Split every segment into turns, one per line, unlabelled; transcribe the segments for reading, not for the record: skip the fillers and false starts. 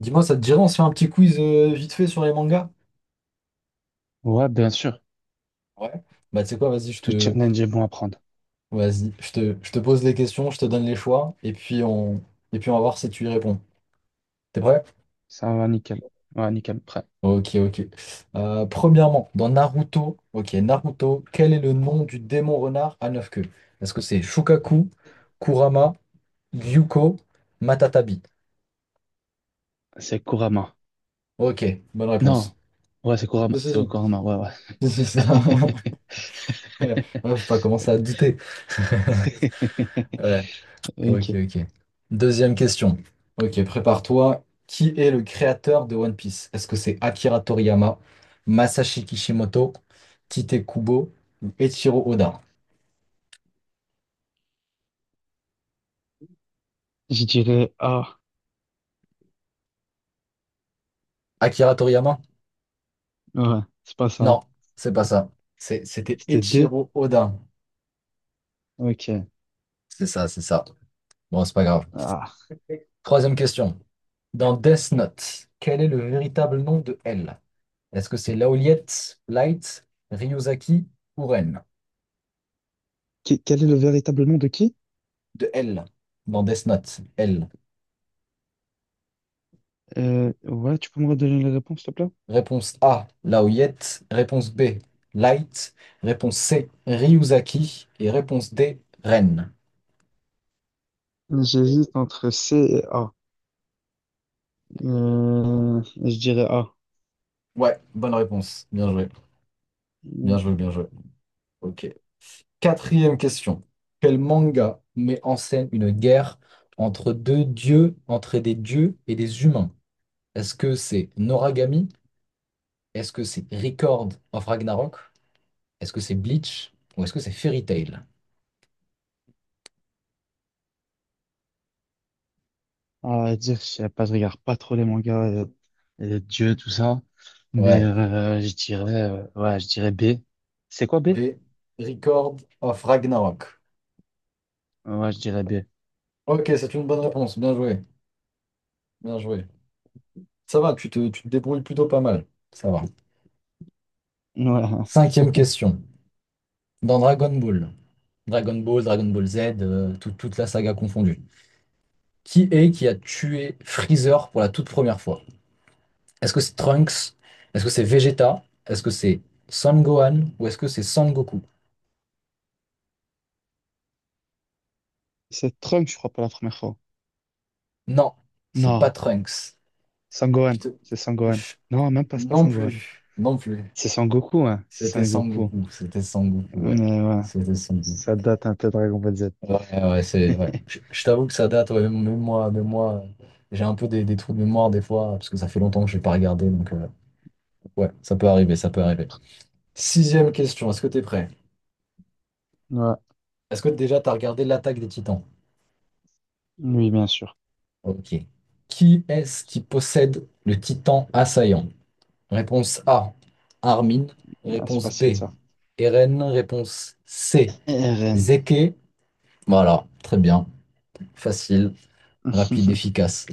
Dis-moi, ça te dirait, on se fait un petit quiz vite fait sur les mangas?
Ouais, bien sûr.
Ouais. Tu sais quoi, vas-y,
Tout challenge est bon à prendre.
je te pose les questions, je te donne les choix, et puis on va voir si tu y réponds. T'es prêt?
Ça va nickel. Ouais, nickel. Prêt.
Ok, ok. Premièrement, dans Naruto, ok, Naruto, quel est le nom du démon renard à 9 queues? Est-ce que c'est Shukaku, Kurama, Gyuko, Matatabi?
C'est Kurama.
Ok, bonne
Non.
réponse.
Ouais, c'est Kurama.
Si, si,
C'est
si.
Kurama. Ouais, ouais.
Si, si, si. Ouais, faut pas commencer à douter. Ouais. Ok,
Ok.
ok. Deuxième question. Ok, prépare-toi. Qui est le créateur de One Piece? Est-ce que c'est Akira Toriyama, Masashi Kishimoto, Tite Kubo ou Eiichiro Oda?
Je dirais A.
Akira Toriyama?
Ouais, c'est pas
Non,
ça.
c'est pas ça. C'était
C'était D.
Eiichiro Oda.
Ok.
C'est ça, c'est ça. Bon, c'est pas grave.
Ah.
Troisième question. Dans Death Note, quel est le véritable nom de L? Est-ce que c'est Laoliette, Light, Ryuzaki ou Ren?
Quel est le véritable nom de qui?
De L. Dans Death Note, L.
Ouais, tu peux me redonner les réponses, s'il te plaît?
Réponse A, Laoyette. Réponse B, Light. Réponse C, Ryuzaki. Et réponse D, Ren.
J'hésite entre C et A. Je dirais A.
Ouais, bonne réponse. Bien joué. Bien joué, bien
Ok.
joué. Ok. Quatrième question. Quel manga met en scène une guerre entre deux dieux, entre des dieux et des humains? Est-ce que c'est Noragami? Est-ce que c'est Record of Ragnarok? Est-ce que c'est Bleach? Ou est-ce que c'est Fairy Tail?
À dire, je sais pas, je regarde pas trop les mangas, Dieu, tout ça. Mais
Ouais.
je dirais, ouais, je dirais B. C'est quoi B?
B. Record of Ragnarok.
Ouais, je dirais B.
Ok, c'est une bonne réponse. Bien joué. Bien joué. Ça va, tu te débrouilles plutôt pas mal. Ça va.
Ouais.
Cinquième question. Dans Dragon Ball, Dragon Ball Z, toute la saga confondue, qui a tué Freezer pour la toute première fois? Est-ce que c'est Trunks? Est-ce que c'est Vegeta? Est-ce que c'est Son Gohan? Ou est-ce que c'est Son Goku?
C'est Trump, je crois, pour la première fois.
Non, c'est pas
Non,
Trunks. Je
Sangohan.
te-
C'est Sangohan.
je-
Non, même pas, c'est pas
Non
Sangohan.
plus, non plus.
C'est Sangoku, hein. C'est Sangoku.
C'était Son Goku, ouais.
Mais ouais,
C'était Son Goku.
ça date un peu de Dragon Ball Z.
Ouais, ouais. Je t'avoue que ça date, ouais, même moi, j'ai un peu des trous de mémoire des fois, parce que ça fait longtemps que je n'ai pas regardé, ouais, ça peut arriver, ça peut arriver. Sixième question, est-ce que tu es prêt?
Ouais,
Est-ce que déjà tu as regardé l'Attaque des Titans?
oui, bien sûr.
Ok. Qui est-ce qui possède le Titan assaillant? Réponse A, Armin.
Ah, c'est
Réponse B,
facile, ça.
Eren. Réponse C,
RN.
Zeke. Voilà, très bien, facile, rapide, efficace.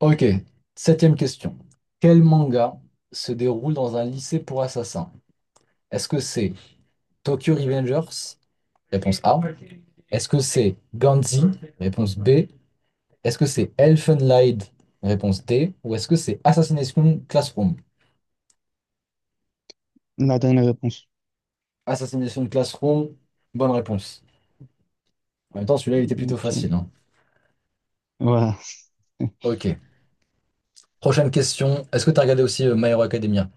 Ok, septième question. Quel manga se déroule dans un lycée pour assassins? Est-ce que c'est Tokyo Revengers? Réponse A. Est-ce que c'est Gantz? Réponse B. Est-ce que c'est Elfenlied? Réponse D. Ou est-ce que c'est Assassination Classroom?
La dernière réponse.
Assassination Classroom, bonne réponse. En même temps, celui-là, il était plutôt facile,
Ok.
hein.
Ouais.
Ok. Prochaine question. Est-ce que tu as regardé aussi My Hero Academia?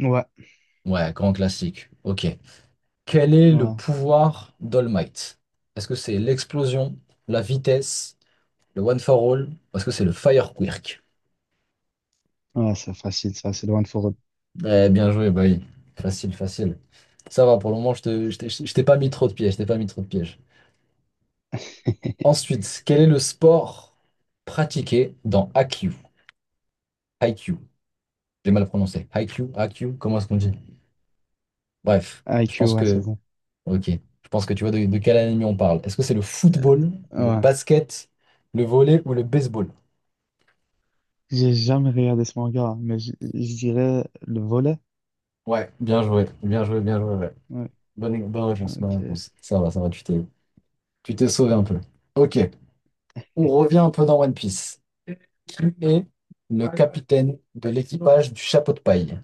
Ouais.
Ouais, grand classique. Ok. Quel est le
Ouais.
pouvoir d'All Might? Est-ce que c'est l'explosion, la vitesse, le one for all? Ou est-ce que c'est le fire quirk?
Ouais, c'est facile, ça, c'est loin de Forêt.
Eh, bien joué, bah oui. Facile, facile. Ça va, pour le moment, je t'ai pas mis trop de pièges, je t'ai pas mis trop de pièges. Ensuite, quel est le sport pratiqué dans Haikyuu? Haikyuu. J'ai mal prononcé. Haikyuu, Haikyuu, comment est-ce qu'on dit? Bref, je
IQ,
pense
ouais, c'est
que...
bon.
Ok, je pense que tu vois de quel anime on parle. Est-ce que c'est le football, le
Ouais.
basket, le volley ou le baseball?
J'ai jamais regardé ce manga, mais je dirais le volet.
Ouais, bien joué, bien joué, bien joué, ouais.
Ouais,
Bonne réponse, bonne
ok.
réponse. Ça va, tu t'es sauvé un peu. Ok, on revient un peu dans One Piece. Qui est le capitaine de l'équipage du chapeau de paille?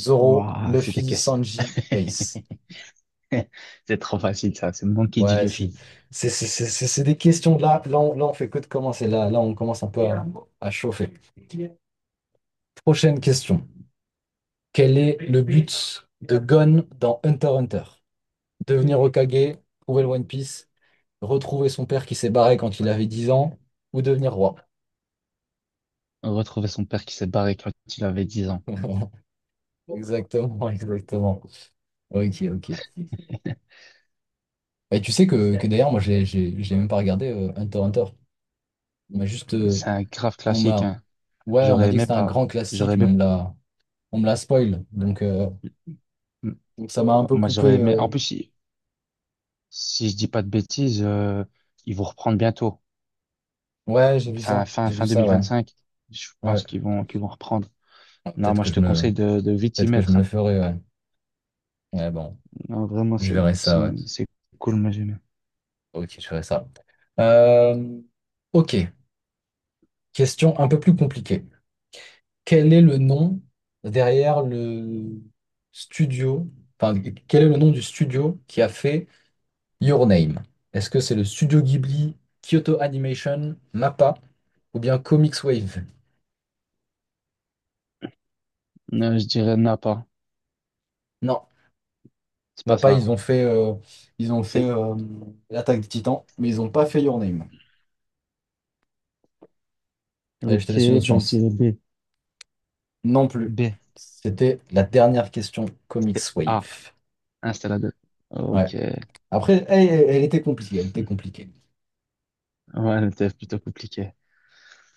Zoro,
Waouh, c'était
Luffy,
question.
Sanji, Ace.
C'est trop facile, ça. C'est moi qui dis
Ouais,
Luffy.
c'est des questions de là. On fait que de commencer. On commence un peu à chauffer. Prochaine question. Quel est le but de Gon dans Hunter x Hunter? Devenir Hokage, trouver le One Piece, retrouver son père qui s'est barré quand il avait 10 ans, ou devenir roi.
Retrouver son père qui s'est barré quand il avait 10 ans.
Exactement, exactement. Ok, ok. Et tu sais que d'ailleurs, moi, j'ai même pas regardé Hunter x Hunter. On m'a juste.
C'est un grave
On
classique,
m'a,
hein.
ouais, on m'a
J'aurais
dit que
aimé
c'était un
pas.
grand
J'aurais
classique, mais
aimé.
on me l'a spoil. Donc ça m'a un peu
Moi, j'aurais
coupé,
aimé.
euh.
En plus, si je dis pas de bêtises, ils vont reprendre bientôt.
Ouais, j'ai vu
Fin,
ça.
fin,
J'ai vu
fin
ça, ouais.
2025, je
Ouais.
pense qu'ils vont reprendre.
Ouais,
Non, moi, je te conseille de vite y
Peut-être que je me
mettre,
le
hein.
ferai, ouais. Ouais, bon.
Non, vraiment,
Je verrai ça, ouais.
c'est cool, moi, j'aime bien.
Ok, je ferai ça. Euh, ok. Question un peu plus compliquée. quel est le nom derrière le studio, enfin, Quel est le nom du studio qui a fait Your Name? Est-ce que c'est le studio Ghibli, Kyoto Animation, MAPPA ou bien Comics Wave?
Non, je dirais Napa.
Non,
C'est pas
MAPPA,
ça.
ils ont fait
C'est,
l'Attaque des Titans, mais ils n'ont pas fait Your Name. Allez, je
ok,
te laisse une autre
ben, je
chance.
dirais B.
Non plus.
B.
C'était la dernière question Comics
C'était A.
Wave.
Hein, c'était la 2.
Ouais.
Ok.
Après, elle était compliquée, elle était compliquée.
Ouais, c'était plutôt compliqué.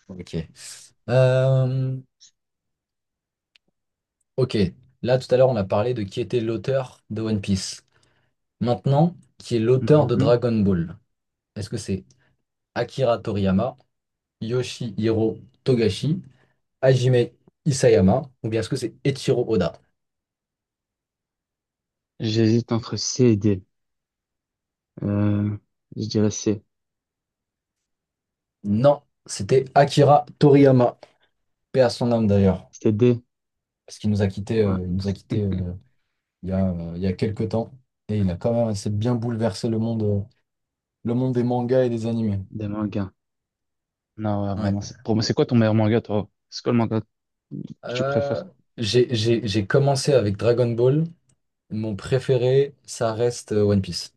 Ok. Euh, ok, là tout à l'heure on a parlé de qui était l'auteur de One Piece. Maintenant, qui est l'auteur de
Mhm.
Dragon Ball? Est-ce que c'est Akira Toriyama, Yoshihiro Togashi, Hajime Isayama ou bien est-ce que c'est Eiichiro Oda?
J'hésite entre C et D. Euh, je dirais C.
Non, c'était Akira Toriyama. Paix à son âme d'ailleurs,
C'était D.
parce qu'il nous a quittés,
Ouais,
il nous a quittés il y a quelques temps et il a quand même assez bien bouleversé le monde des mangas et des animés.
des mangas. Non, ouais,
Ouais.
vraiment, pour moi, c'est quoi ton meilleur manga, toi? C'est quoi le manga que tu
Euh,
préfères?
j'ai commencé avec Dragon Ball. Mon préféré, ça reste One Piece.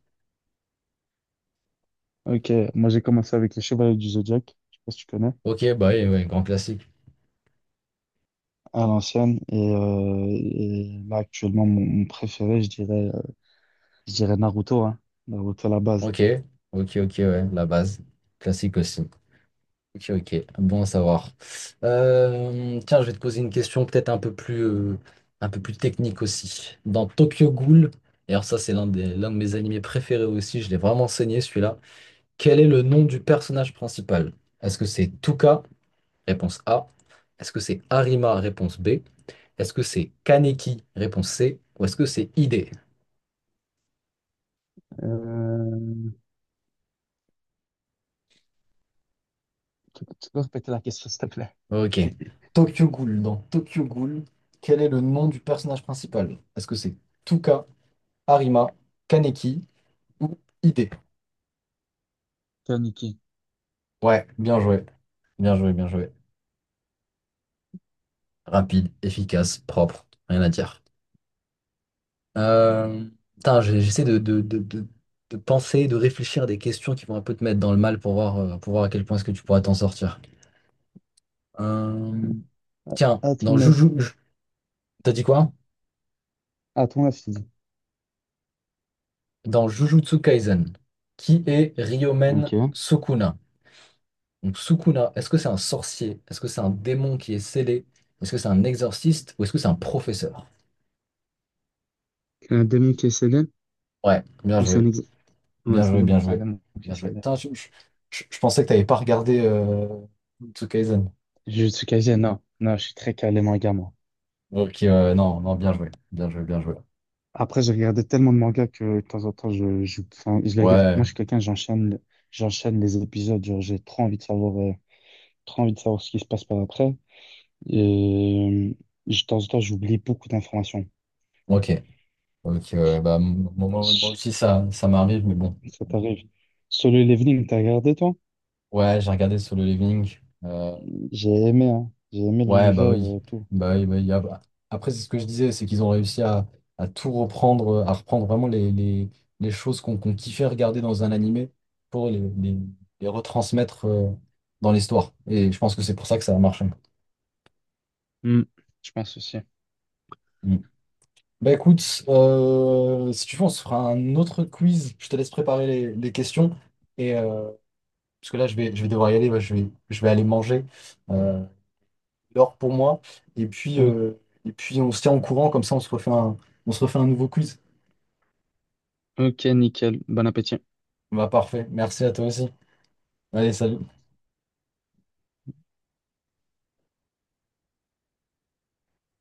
Ok, moi j'ai commencé avec les Chevaliers du Zodiaque, je sais pas si tu connais,
Ok, bah oui, ouais, grand classique.
à l'ancienne. Et là, actuellement, mon préféré, je dirais Naruto, hein. Naruto à la base.
Ok, ok, ok, ouais, la base. Classique aussi. Ok, ok, bon à savoir. Tiens, je vais te poser une question peut-être un peu plus technique aussi. Dans Tokyo Ghoul, et alors ça c'est l'un de mes animés préférés aussi, je l'ai vraiment saigné celui-là. Quel est le nom du personnage principal? Est-ce que c'est Tuka? Réponse A. Est-ce que c'est Harima? Réponse B. Est-ce que c'est Kaneki? Réponse C. Ou est-ce que c'est Ide?
Euh, tu peux répéter la question, s'il te plaît?
Ok. Tokyo Ghoul. Dans Tokyo Ghoul, quel est le nom du personnage principal? Est-ce que c'est Tuka, Harima, Kaneki ou Ide?
Kaneki.
Ouais, bien joué. Bien joué, bien joué. Rapide, efficace, propre. Rien à dire. Euh, putain, j'essaie de penser, de réfléchir à des questions qui vont un peu te mettre dans le mal pour voir à quel point est-ce que tu pourras t'en sortir. Euh, tiens,
À ton âge.
T'as dit quoi?
À ton âge, tu dis.
Dans Jujutsu Kaisen, qui est Ryomen
Ok.
Sukuna? Donc Sukuna, est-ce que c'est un sorcier? Est-ce que c'est un démon qui est scellé? Est-ce que c'est un exorciste ou est-ce que c'est un professeur?
C'est un démon qui est célèbre
Ouais, bien
ou c'est un
joué,
ex... Ouais,
bien
c'est un
joué,
démon.
bien
C'est un
joué,
démon qui est
bien joué. Putain,
célèbre.
je pensais que t'avais pas regardé Jujutsu Kaisen.
Je suis non. Non, je suis très calé manga, moi.
Ok, ouais, ouais, non, non, bien joué, bien joué, bien joué.
Après, j'ai regardé tellement de mangas que de temps en temps, enfin, je les regarde. Moi,
Ouais,
je suis quelqu'un, j'enchaîne, j'enchaîne les épisodes. Genre, j'ai trop envie de savoir, trop envie de savoir ce qui se passe par après. Et de temps en temps, j'oublie beaucoup d'informations.
ok, ok, ouais, moi
Ça
aussi ça m'arrive, mais bon.
t'arrive. Solo Leveling, t'as regardé, toi?
Ouais, j'ai regardé Solo Leveling, euh,
J'ai aimé, hein. J'ai aimé
ouais, bah
l'univers,
oui.
tout.
Bah oui, bah oui. Après, c'est ce que je disais, c'est qu'ils ont réussi à, à reprendre vraiment les choses qu'on kiffait regarder dans un animé pour les retransmettre dans l'histoire. Et je pense que c'est pour ça que ça a marché.
Hmm, je pense aussi.
Mm. Bah écoute, si tu veux, on se fera un autre quiz. Je te laisse préparer les questions. Et, parce que là, je vais devoir y aller, bah, je vais aller manger. Euh, l'or pour moi. Et puis,
O-
euh, et puis on se tient en courant, comme ça on se refait un, on se refait un nouveau quiz.
ok, nickel. Bon appétit.
Bah parfait, merci à toi aussi. Allez, salut.